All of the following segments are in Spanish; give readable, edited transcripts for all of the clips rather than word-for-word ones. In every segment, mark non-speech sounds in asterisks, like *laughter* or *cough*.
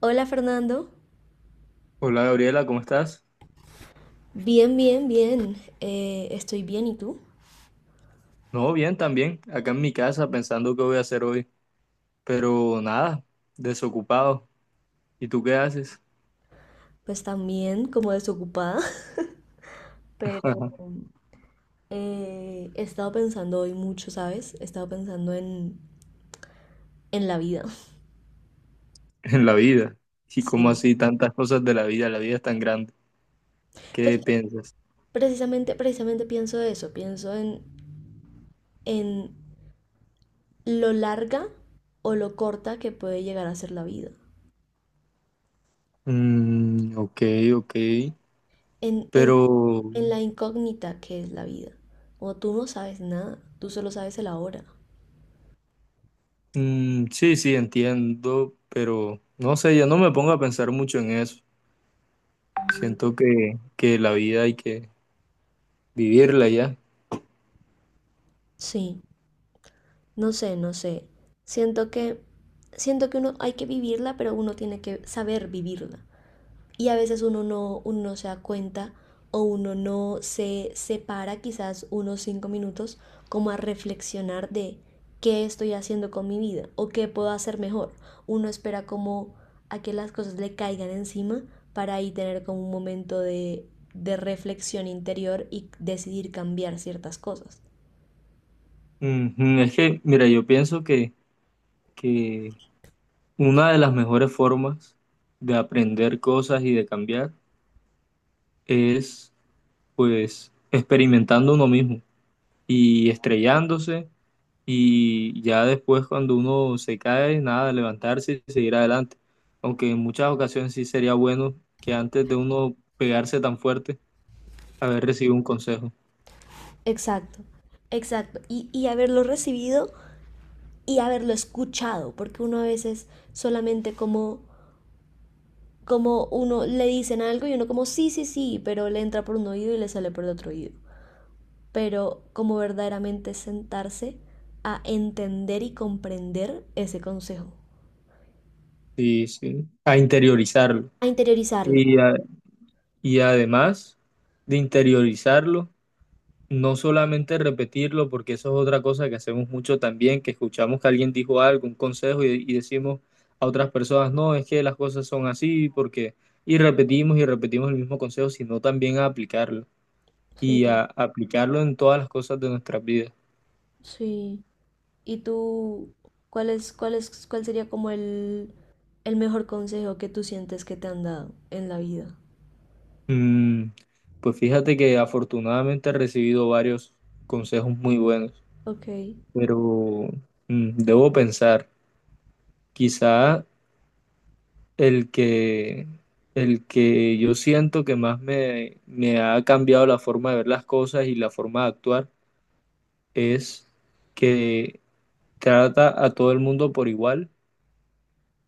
Hola Fernando, Hola Gabriela, ¿cómo estás? bien, bien, bien. Estoy bien, ¿y tú? No, bien también, acá en mi casa pensando qué voy a hacer hoy, pero nada, desocupado. ¿Y tú qué haces Pues también como desocupada, *laughs* pero he estado pensando hoy mucho, ¿sabes? He estado pensando en la vida. *laughs* *laughs* en la vida? ¿Y cómo Sí. así tantas cosas de la vida? La vida es tan grande. Pues ¿Qué piensas? precisamente, precisamente pienso eso, pienso en lo larga o lo corta que puede llegar a ser la vida, Ok, ok, en, en, pero en la incógnita que es la vida. O tú no sabes nada, tú solo sabes el ahora. Sí, sí, entiendo, pero no sé, yo no me pongo a pensar mucho en eso. Siento que la vida hay que vivirla ya. Sí. No sé, no sé. Siento que, siento que uno hay que vivirla, pero uno tiene que saber vivirla. Y a veces uno no se da cuenta o uno no se separa quizás unos 5 minutos como a reflexionar de qué estoy haciendo con mi vida o qué puedo hacer mejor. Uno espera como a que las cosas le caigan encima para ahí tener como un momento de reflexión interior y decidir cambiar ciertas cosas. Ujú. Es que, mira, yo pienso que una de las mejores formas de aprender cosas y de cambiar es, pues, experimentando uno mismo y estrellándose, y ya después cuando uno se cae, nada, levantarse y seguir adelante. Aunque en muchas ocasiones sí sería bueno que antes de uno pegarse tan fuerte, haber recibido un consejo. Exacto, exacto. Y haberlo recibido y haberlo escuchado, porque uno a veces solamente como, como uno le dicen algo y uno como sí, sí, sí, pero le entra por un oído y le sale por el otro oído. Pero como verdaderamente sentarse a entender y comprender ese consejo, Sí, sí, a interiorizarlo. a interiorizarlo. Y, a- y además de interiorizarlo, no solamente repetirlo, porque eso es otra cosa que hacemos mucho también, que escuchamos que alguien dijo algo, un consejo, y decimos a otras personas, no, es que las cosas son así, porque, y repetimos el mismo consejo, sino también a aplicarlo, Sí, aplicarlo en todas las cosas de nuestras vidas. sí. ¿Y tú cuál es, cuál es, cuál sería como el mejor consejo que tú sientes que te han dado en la vida? Mm, pues fíjate que afortunadamente he recibido varios consejos muy buenos, Ok, pero debo pensar, quizá. El que, el que yo siento que más me ha cambiado la forma de ver las cosas y la forma de actuar es que trata a todo el mundo por igual,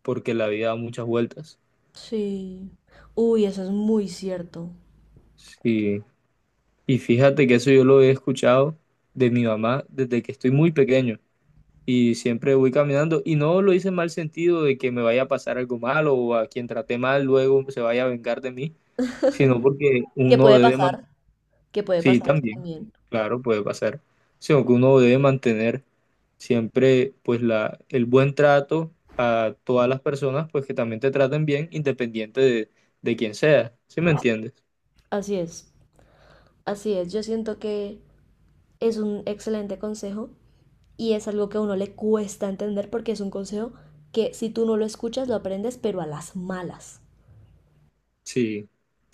porque la vida da muchas vueltas. sí. Uy, eso es muy cierto. Sí. Y fíjate que eso yo lo he escuchado de mi mamá desde que estoy muy pequeño, y siempre voy caminando y no lo hice en mal sentido de que me vaya a pasar algo malo o a quien traté mal luego se vaya a vengar de mí, sino porque Que uno puede debe pasar, mantener. que puede Sí, pasar eso también, también. claro, puede pasar. Sino que uno debe mantener siempre pues el buen trato a todas las personas, pues que también te traten bien, independiente de quién sea. ¿Sí me entiendes? Así es, así es. Yo siento que es un excelente consejo y es algo que a uno le cuesta entender porque es un consejo que si tú no lo escuchas lo aprendes, pero a las malas. Sí,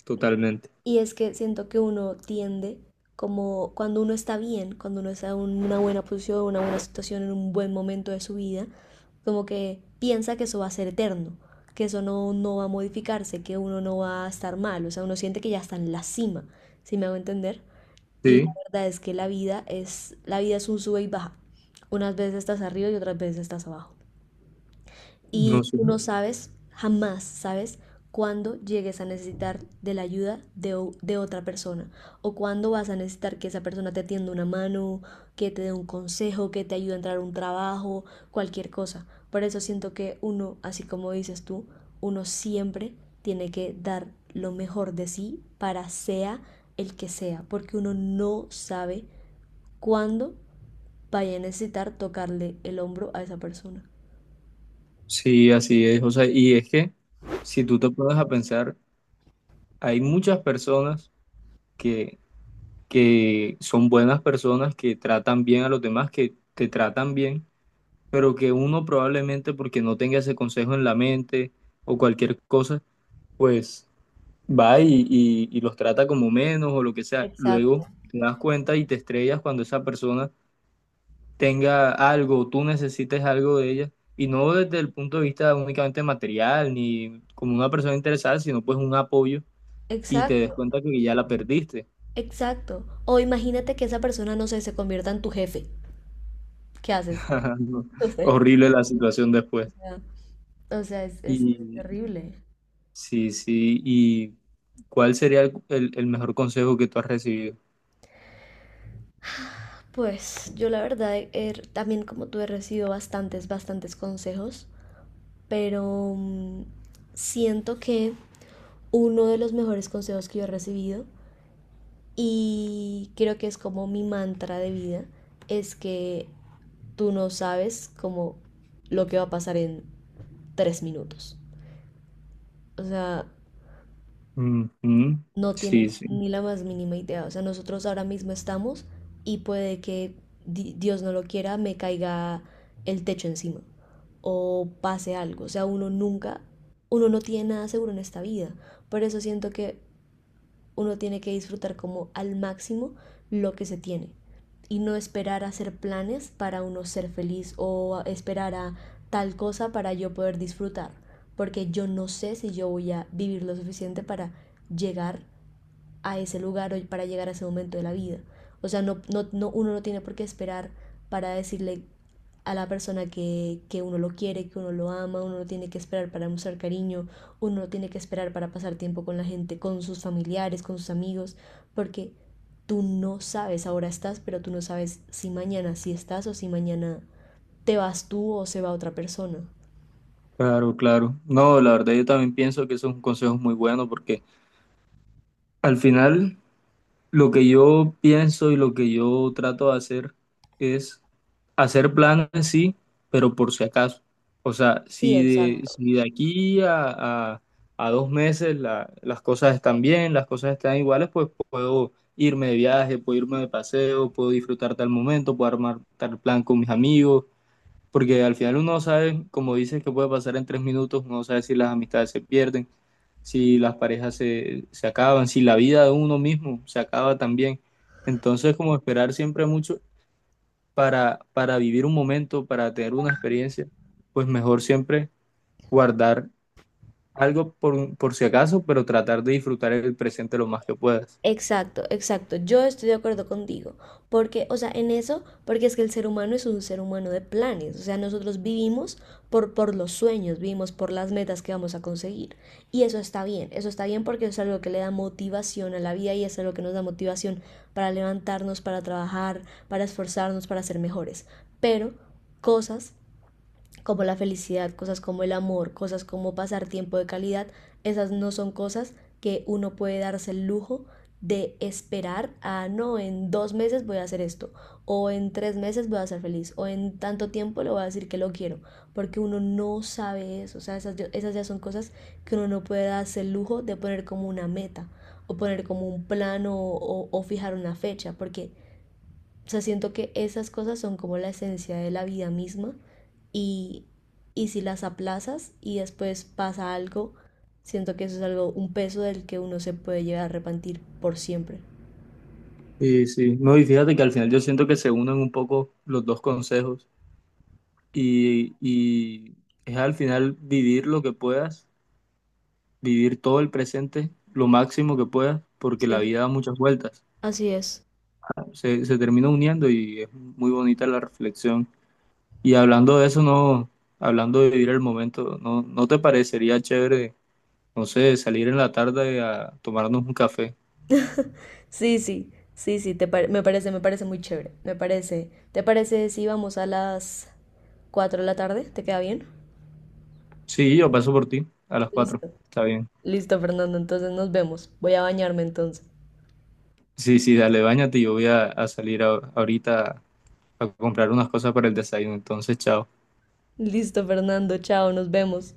totalmente. Y es que siento que uno tiende, como cuando uno está bien, cuando uno está en una buena posición, una buena situación, en un buen momento de su vida, como que piensa que eso va a ser eterno, que eso no, no va a modificarse, que uno no va a estar mal, o sea, uno siente que ya está en la cima, si me hago entender. Y la Sí, verdad es que la vida es un sube y baja. Unas veces estás arriba y otras veces estás abajo. Y no sé. tú no sabes, jamás sabes, cuándo llegues a necesitar de la ayuda de, de otra persona o cuándo vas a necesitar que esa persona te tienda una mano, que te dé un consejo, que te ayude a entrar a un trabajo, cualquier cosa. Por eso siento que uno, así como dices tú, uno siempre tiene que dar lo mejor de sí para sea el que sea, porque uno no sabe cuándo vaya a necesitar tocarle el hombro a esa persona. Sí, así es. O sea, y es que si tú te pones a pensar, hay muchas personas que, que son buenas personas, que tratan bien a los demás, que te tratan bien, pero que uno probablemente porque no tenga ese consejo en la mente o cualquier cosa, pues va y los trata como menos o lo que sea. Luego Exacto. te das cuenta y te estrellas cuando esa persona tenga algo, o tú necesites algo de ella, y no desde el punto de vista únicamente material ni como una persona interesada, sino pues un apoyo y te des Exacto, cuenta que ya la perdiste. exacto. O imagínate que esa persona, no sé, se convierta en tu jefe. ¿Qué haces? *laughs* No, *laughs* horrible la situación O después. sea, o sea, es Y terrible. sí, sí. ¿Y cuál sería el mejor consejo que tú has recibido? Pues yo la verdad también como tú he recibido bastantes, bastantes consejos, pero siento que uno de los mejores consejos que yo he recibido y creo que es como mi mantra de vida es que tú no sabes como lo que va a pasar en 3 minutos. O sea, Ujú. no Sí, tienes sí. ni la más mínima idea. O sea, nosotros ahora mismo estamos y puede que Dios no lo quiera, me caiga el techo encima o pase algo. O sea, uno nunca, uno no tiene nada seguro en esta vida. Por eso siento que uno tiene que disfrutar como al máximo lo que se tiene y no esperar a hacer planes para uno ser feliz o esperar a tal cosa para yo poder disfrutar. Porque yo no sé si yo voy a vivir lo suficiente para llegar a ese lugar o para llegar a ese momento de la vida. O sea, no, no, no, uno no tiene por qué esperar para decirle a la persona que uno lo quiere, que uno lo ama, uno no tiene que esperar para mostrar cariño, uno no tiene que esperar para pasar tiempo con la gente, con sus familiares, con sus amigos, porque tú no sabes, ahora estás, pero tú no sabes si mañana sí estás o si mañana te vas tú o se va otra persona. Claro, claro. No, la verdad yo también pienso que eso es un consejo muy bueno porque al final, lo que yo pienso y lo que yo trato de hacer es hacer planes, sí, pero por si acaso. O sea, Sí, exacto. si de aquí a 2 meses las cosas están bien, las cosas están iguales, pues puedo irme de viaje, puedo irme de paseo, puedo disfrutar tal momento, puedo armar tal plan con mis amigos, porque al final uno no sabe, como dices, que puede pasar en 3 minutos, uno no sabe si las amistades se pierden, si las parejas se acaban, si la vida de uno mismo se acaba también. Entonces, como esperar siempre mucho para vivir un momento, para tener una experiencia, pues mejor siempre guardar algo por si acaso, pero tratar de disfrutar el presente lo más que puedas. Exacto, exacto. Yo estoy de acuerdo contigo. Porque, o sea, en eso, porque es que el ser humano es un ser humano de planes. O sea, nosotros vivimos por los sueños, vivimos por las metas que vamos a conseguir. Y eso está bien porque es algo que le da motivación a la vida y es algo que nos da motivación para levantarnos, para trabajar, para esforzarnos, para ser mejores. Pero cosas como la felicidad, cosas como el amor, cosas como pasar tiempo de calidad, esas no son cosas que uno puede darse el lujo de esperar a no, en 2 meses voy a hacer esto, o en 3 meses voy a ser feliz, o en tanto tiempo le voy a decir que lo quiero, porque uno no sabe eso, o sea, esas, esas ya son cosas que uno no puede darse el lujo de poner como una meta, o poner como un plan o fijar una fecha, porque o sea, siento que esas cosas son como la esencia de la vida misma y, y si las aplazas y después pasa algo, siento que eso es algo, un peso del que uno se puede llegar a arrepentir por siempre. Y sí, no, y fíjate que al final yo siento que se unen un poco los dos consejos y es al final vivir lo que puedas, vivir todo el presente, lo máximo que puedas, porque la Sí, vida da muchas vueltas. así es. Se termina uniendo y es muy bonita la reflexión. Y hablando de eso, no, hablando de vivir el momento, ¿ no te parecería chévere, no sé, salir en la tarde a tomarnos un café? Sí, sí, sí, sí, me parece muy chévere, me parece. ¿Te parece si vamos a las 4 de la tarde? ¿Te queda bien? Sí, yo paso por ti a las 4, Listo. está bien. Listo, Fernando, entonces nos vemos. Voy a bañarme entonces. Sí, sí, dale, báñate, yo voy a salir a- ahorita a comprar unas cosas para el desayuno, entonces, chao. Listo, Fernando, chao, nos vemos.